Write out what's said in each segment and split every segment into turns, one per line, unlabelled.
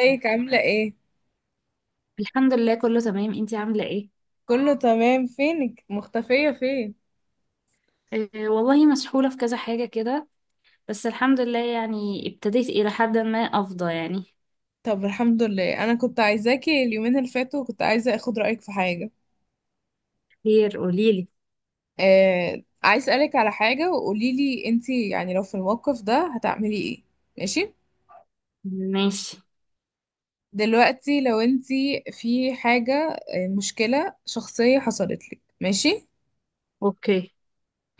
ازيك؟ عاملة ايه؟
الحمد لله كله تمام، انتي عاملة ايه؟
كله تمام، فينك؟ مختفية فين؟
اه والله مسحولة في كذا حاجة كده، بس الحمد لله يعني ابتديت إلى حد ما أفضى يعني.
طب الحمد لله، انا كنت عايزاكي اليومين اللي فاتوا، كنت عايزة اخد رأيك في حاجة.
خير قوليلي.
آه، عايز اسألك على حاجة، وقوليلي انتي يعني لو في الموقف ده هتعملي ايه. ماشي؟
ماشي.
دلوقتي لو انتي في حاجة، آه، مشكلة شخصية حصلت لك، ماشي؟
اوكي.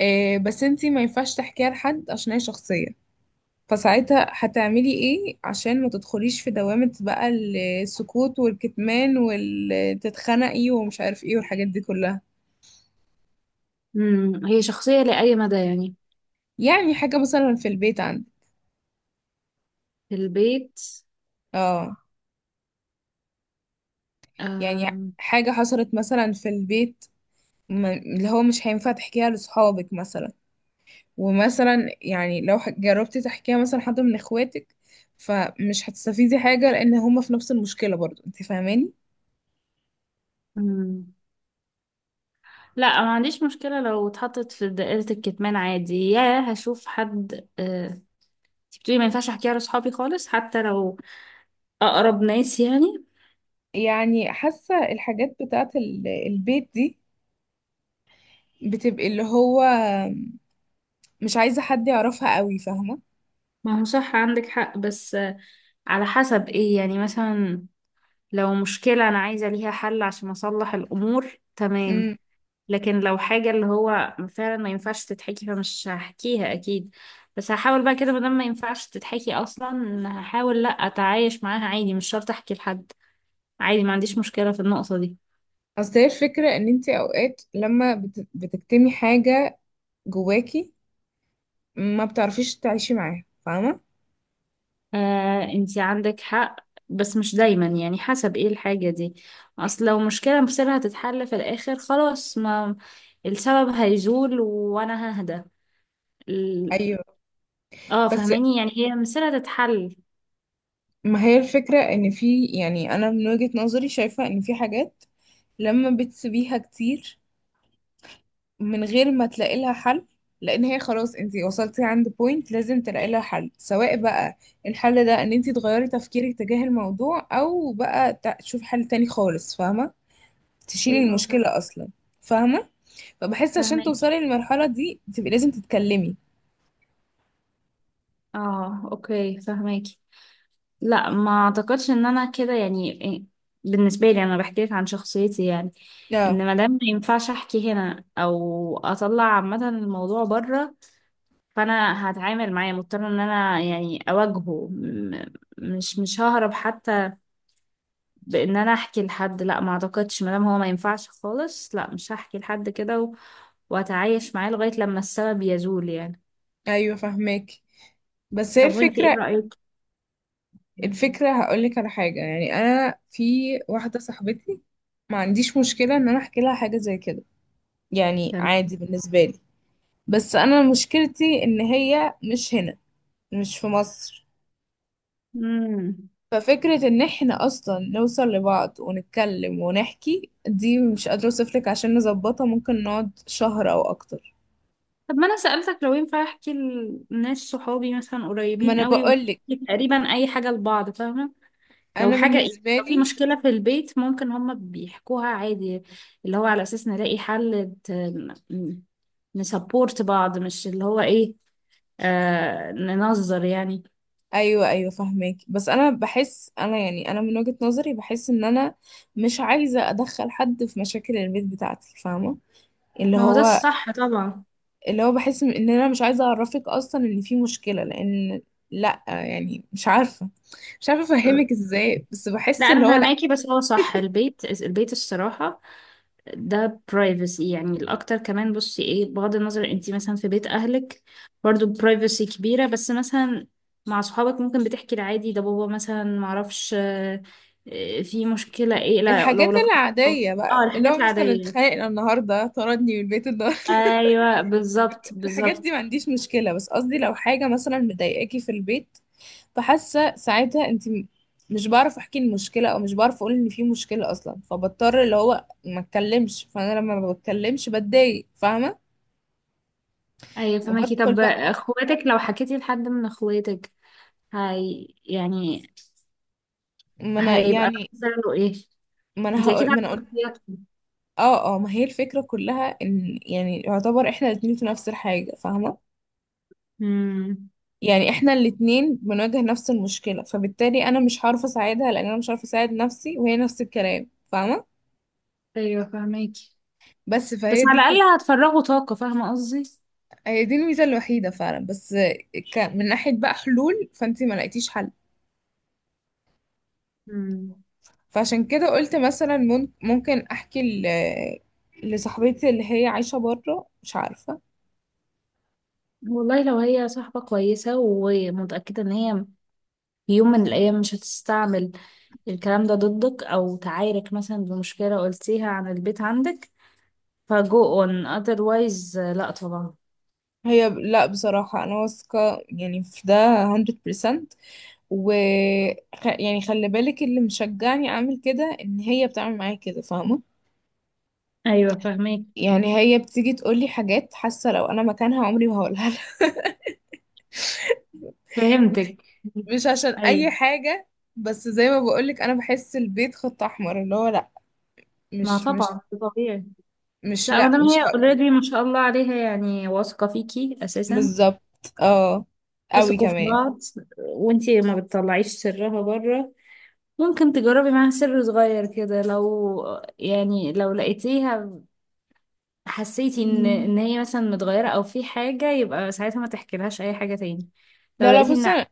آه، بس انتي ما ينفعش تحكيها لحد عشان هي شخصية. فساعتها هتعملي ايه عشان ما تدخليش في دوامة بقى، السكوت والكتمان وتتخنقي ومش عارف ايه والحاجات دي كلها.
مم. هي شخصية لأي مدى يعني؟
يعني حاجة مثلا في البيت عندك.
في البيت.
اه. يعني
أم.
حاجة حصلت مثلا في البيت، اللي هو مش هينفع تحكيها لصحابك مثلا. ومثلا يعني لو جربتي تحكيها مثلا حد من اخواتك، فمش هتستفيدي حاجة لان هما في نفس المشكلة برضو، انت فاهماني.
مم. لا ما عنديش مشكلة، لو اتحطت في دائرة الكتمان عادي يا هشوف حد. اه، انتي بتقولي ما ينفعش احكيها لصحابي خالص حتى لو أقرب ناس يعني؟
يعني حاسة الحاجات بتاعت البيت دي بتبقي اللي هو مش عايزة حد يعرفها قوي، فاهمة.
ما هو صح عندك حق، بس على حسب ايه يعني؟ مثلا لو مشكلة أنا عايزة ليها حل عشان أصلح الأمور تمام،
امم.
لكن لو حاجة اللي هو فعلا ما ينفعش تتحكي فمش هحكيها أكيد. بس هحاول بقى كده، مادام ما ينفعش تتحكي أصلا هحاول لأ أتعايش معاها عادي، مش شرط أحكي لحد. عادي ما عنديش مشكلة في النقطة دي.
اصل هي الفكرة ان انت اوقات لما بتكتمي حاجة جواكي، ما بتعرفيش تعيشي معاها، فاهمة.
آه أنتي عندك حق، بس مش دايما يعني، حسب ايه الحاجة دي. أصل لو مشكلة مصيرها تتحل في الآخر خلاص، ما السبب هيزول وأنا ههدى. ال-
ايوه،
اه
بس
فهماني يعني هي مصيرها تتحل.
ما هي الفكرة، ان في يعني، انا من وجهة نظري شايفة ان في حاجات لما بتسيبيها كتير من غير ما تلاقي لها حل، لان هي خلاص انتي وصلتي عند بوينت لازم تلاقي لها حل. سواء بقى الحل ده ان انتي تغيري تفكيرك تجاه الموضوع، او بقى تشوفي حل تاني خالص، فاهمة، تشيلي
ايوه
المشكلة اصلا. فاهمة؟ فبحس عشان
فاهماكي.
توصلي للمرحلة دي تبقي لازم تتكلمي.
اه اوكي فهماكي. لا ما اعتقدش ان انا كده يعني بالنسبه لي انا بحكي لك عن شخصيتي يعني،
لا.
ان مادام ما ينفعش احكي هنا او اطلع عامه الموضوع بره فانا هتعامل معاه مضطره ان انا يعني مش ههرب حتى بان انا احكي لحد. لا ما اعتقدش، مادام هو ما ينفعش خالص لا مش هحكي لحد كده واتعايش معاه لغايه لما السبب يزول يعني.
ايوه فاهمك. بس هي
طب وانتي ايه
الفكرة،
رايك؟
الفكرة هقولك على حاجة، يعني انا في واحدة صاحبتي ما عنديش مشكلة ان انا احكي لها حاجة زي كده، يعني
تمام.
عادي بالنسبة لي. بس انا مشكلتي ان هي مش هنا، مش في مصر.
امم.
ففكرة ان احنا اصلا نوصل لبعض ونتكلم ونحكي دي مش قادرة اوصفلك، عشان نظبطها ممكن نقعد شهر او اكتر.
طب ما انا سألتك لو ينفع احكي لناس صحابي مثلا
ما
قريبين
انا
قوي، ومش
بقولك،
تقريبا اي حاجة لبعض فاهمة؟ لو
انا
حاجة ايه،
بالنسبة
لو في
لي.
مشكلة في البيت ممكن هما بيحكوها عادي، اللي هو على اساس نلاقي حل ت- ن- نسبورت بعض، مش اللي هو ايه، آه ننظر يعني.
ايوه ايوه فاهمك. بس انا بحس، انا يعني انا من وجهة نظري بحس ان انا مش عايزة ادخل حد في مشاكل البيت بتاعتي، فاهمة؟ اللي
ما هو ده
هو،
الصح طبعا.
اللي هو بحس ان انا مش عايزه اعرفك اصلا ان في مشكله، لان لا يعني مش عارفه، مش عارفه افهمك ازاي، بس
لا
بحس اللي
انا
هو لا.
فهماكي، بس هو صح البيت البيت الصراحة ده privacy يعني. الأكتر كمان بصي ايه، بغض النظر انتي مثلا في بيت أهلك برضو privacy كبيرة، بس مثلا مع صحابك ممكن بتحكي العادي ده، بابا مثلا معرفش في مشكلة ايه، لا لو
الحاجات
لك.
العاديه
اه
بقى اللي
الحاجات
هو مثلا
العادية،
اتخانقنا النهارده، طردني من البيت النهارده،
ايوه بالظبط
الحاجات دي
بالظبط.
ما عنديش مشكله. بس قصدي لو حاجه مثلا مضايقاكي في البيت، فحاسه ساعتها انت مش بعرف احكي المشكله، او مش بعرف اقول ان في مشكله اصلا، فبضطر اللي هو ما اتكلمش، فانا لما ما بتكلمش بتضايق، فاهمه؟
ايوه فماكي.
وبدخل
طب
بقى.
اخواتك، لو حكيتي لحد من اخواتك هي يعني
ما انا
هيبقى
يعني
رد فعله ايه؟
ما انا
انتي اكيد
هقول ما
عارفة
انا
شخصياتهم.
اه اه، ما هي الفكرة كلها ان يعني يعتبر احنا الاتنين في نفس الحاجة، فاهمة؟
امم.
يعني احنا الاتنين بنواجه نفس المشكلة، فبالتالي انا مش هعرف اساعدها لان انا مش عارفة اساعد نفسي، وهي نفس الكلام، فاهمة.
ايوه فهماكي،
بس
بس
فهي دي
على
بتبقى،
الأقل هتفرغوا طاقة فاهمة قصدي.
هي دي الميزة الوحيدة فعلا. بس من ناحية بقى حلول، فانتي ما لقيتيش حل.
مم.
فعشان كده قلت مثلا ممكن احكي لصاحبتي اللي هي عايشة بره، مش عارفة.
والله لو هي صاحبة كويسة ومتأكدة إن هي في يوم من الأيام مش هتستعمل الكلام ده ضدك أو تعايرك مثلا بمشكلة قلتيها عن البيت عندك، فجو on otherwise لأ طبعا.
هي لا، بصراحة أنا واثقة يعني في ده 100%، و يعني خلي بالك اللي مشجعني اعمل كده، ان هي بتعمل معايا كده، فاهمه.
ايوه فاهمك.
يعني هي بتيجي تقول لي حاجات، حاسه لو انا مكانها عمري ما هقولها لها. مش
فهمتك.
مش عشان
ايوه
اي حاجه، بس زي ما بقول لك انا بحس البيت خط احمر، اللي هو لا،
ما
مش،
طبعا ده طبيعي.
مش،
لا ما
لا
دام
مش
هي
هقول.
اوريدي ما شاء الله عليها يعني واثقة فيكي أساسا،
بالظبط. اه، قوي
تثقوا في
كمان.
بعض، وانتي ما بتطلعيش سرها بره، ممكن تجربي معاها سر صغير كده. لو يعني لو لقيتيها حسيتي ان مم. ان هي مثلا متغيرة او في حاجة، يبقى ساعتها ما تحكيلهاش اي حاجة تاني. لو
لا لا،
لقيتي
بصي
ان،
انا،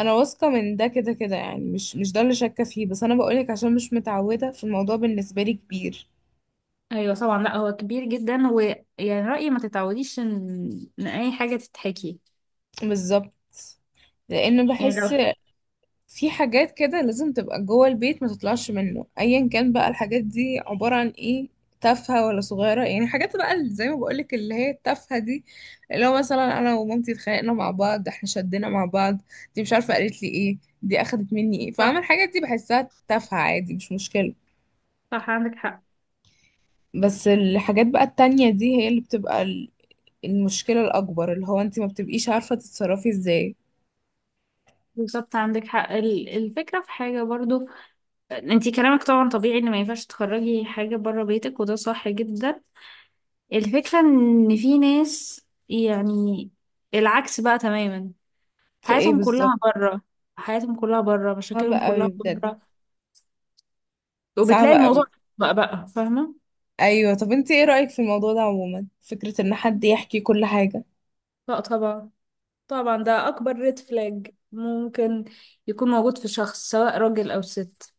أنا واثقه من ده كده كده، يعني مش ده اللي شاكه فيه، بس انا بقولك عشان مش متعوده، في الموضوع بالنسبه لي كبير.
ايوه طبعا، لا هو كبير جدا، ويعني رأيي ما تتعوديش ان ان اي حاجة تتحكي.
بالظبط، لان
يعني
بحس
لو
في حاجات كده لازم تبقى جوه البيت، ما تطلعش منه. ايا كان بقى الحاجات دي عبارة عن ايه، تافهة ولا صغيرة. يعني حاجات بقى اللي زي ما بقولك اللي هي التافهة دي، اللي هو مثلا انا ومامتي اتخانقنا مع بعض، احنا شدنا مع بعض، دي مش عارفة قالت لي ايه، دي اخدت مني ايه، فاهمة؟
صح،
الحاجات دي بحسها تافهة، عادي، مش مشكلة.
صح عندك حق.
بس الحاجات بقى التانية دي هي اللي بتبقى المشكلة الأكبر، اللي هو انت ما بتبقيش عارفة تتصرفي ازاي.
بالظبط عندك حق. الفكرة في حاجة برضو، انتي كلامك طبعا طبيعي ان ما ينفعش تخرجي حاجة بره بيتك وده صح جدا. الفكرة ان في ناس يعني العكس بقى تماما.
في ايه
حياتهم
بالظبط؟
كلها بره، حياتهم كلها بره،
صعبة
مشاكلهم
قوي
كلها
بجد.
بره، وبتلاقي الموضوع
صعبة.
بقى فاهمة.
ايوه، طب انت ايه رأيك في الموضوع ده عموما، فكرة ان حد يحكي كل حاجة؟
لا طبعا، طبعا ده اكبر ريد فلاج ممكن يكون موجود في شخص سواء راجل او ست.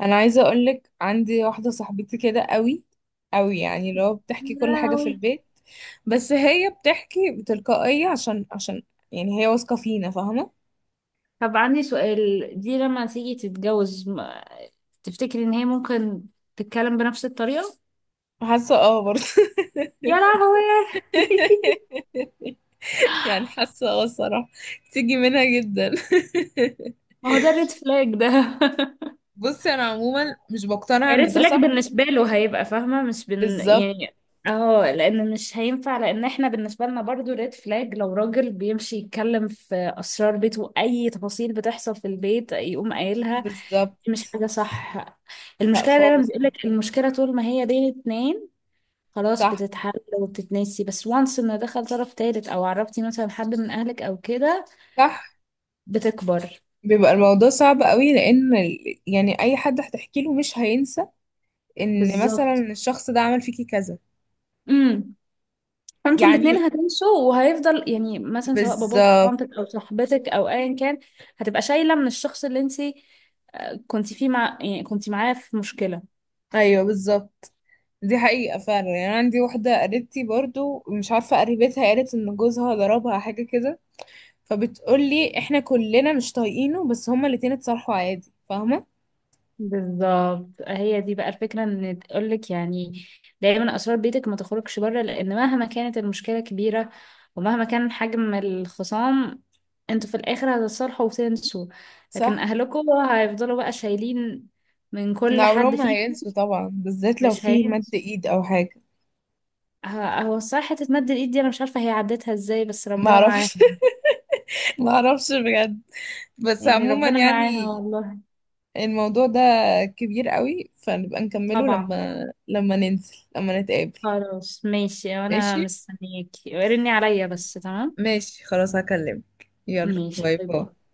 انا عايزة اقولك عندي واحدة صاحبتي كده قوي قوي، يعني لو
يا
بتحكي كل حاجة في
لهوي.
البيت. بس هي بتحكي بتلقائية عشان، عشان يعني هي واثقة فينا، فاهمة.
طب عندي سؤال دي لما تيجي تتجوز تفتكري ان هي ممكن تتكلم بنفس الطريقة؟
حاسة اه برضه.
يا لهوي.
يعني حاسة اه الصراحة، تيجي منها جدا.
ما هو ده الريد فلاج ده.
بصي انا عموما مش بقتنع
يعني ريد
ان ده
فلاج
صح.
بالنسبة له هيبقى فاهمة، مش بن
بالظبط
يعني. اه لان مش هينفع، لان احنا بالنسبة لنا برضو ريد فلاج لو راجل بيمشي يتكلم في اسرار بيته، اي تفاصيل بتحصل في البيت يقوم قايلها، دي
بالظبط.
مش حاجة صح.
لا
المشكلة دايما
خالص طبعا.
بيقولك المشكلة طول ما هي بين اتنين خلاص
صح
بتتحل وبتتنسي، بس وانس ان دخل طرف تالت او عرفتي مثلا حد من اهلك او كده
صح.
بتكبر.
بيبقى الموضوع صعب قوي، لان يعني اي حد هتحكي له مش هينسى ان مثلا
بالظبط،
الشخص ده عمل فيكي كذا.
فانتوا الاتنين
يعني
هتمشوا وهيفضل يعني مثلا سواء باباك او
بالظبط.
مامتك او صاحبتك او ايا كان، هتبقى شايله من الشخص اللي انت كنت فيه مع يعني كنت معاه في مشكله.
ايوه بالظبط. دي حقيقة فعلا. يعني أنا عندي واحدة قريبتي برضو، مش عارفة قريبتها، قالت ان جوزها ضربها حاجة كده، فبتقولي احنا كلنا مش طايقينه، بس هما الاتنين اتصالحوا عادي، فاهمة؟
بالظبط، هي دي بقى الفكرة ان تقولك يعني دايما اسرار بيتك ما تخرجش بره، لان مهما كانت المشكلة كبيرة ومهما كان حجم الخصام انتوا في الاخر هتتصالحوا وتنسوا، لكن
صح.
اهلكوا هيفضلوا بقى شايلين من
ده
كل
عمرهم
حد
ما
فيكم.
هينسوا طبعا، بالذات لو
مش
في مد
هينسوا.
ايد او حاجة.
هو الصراحة حتة مد الإيد دي أنا مش عارفة هي عدتها إزاي، بس ربنا معاها.
معرفش، معرفش. بجد. بس
يعني
عموما
ربنا معاها
يعني
والله.
الموضوع ده كبير قوي، فنبقى نكمله
طبعا.
لما، لما ننزل، لما نتقابل.
خلاص ماشي، أنا
ماشي.
مستنياكي رني عليا بس، تمام.
ماشي خلاص، هكلمك. يلا
ماشي
باي
باي
باي.
باي.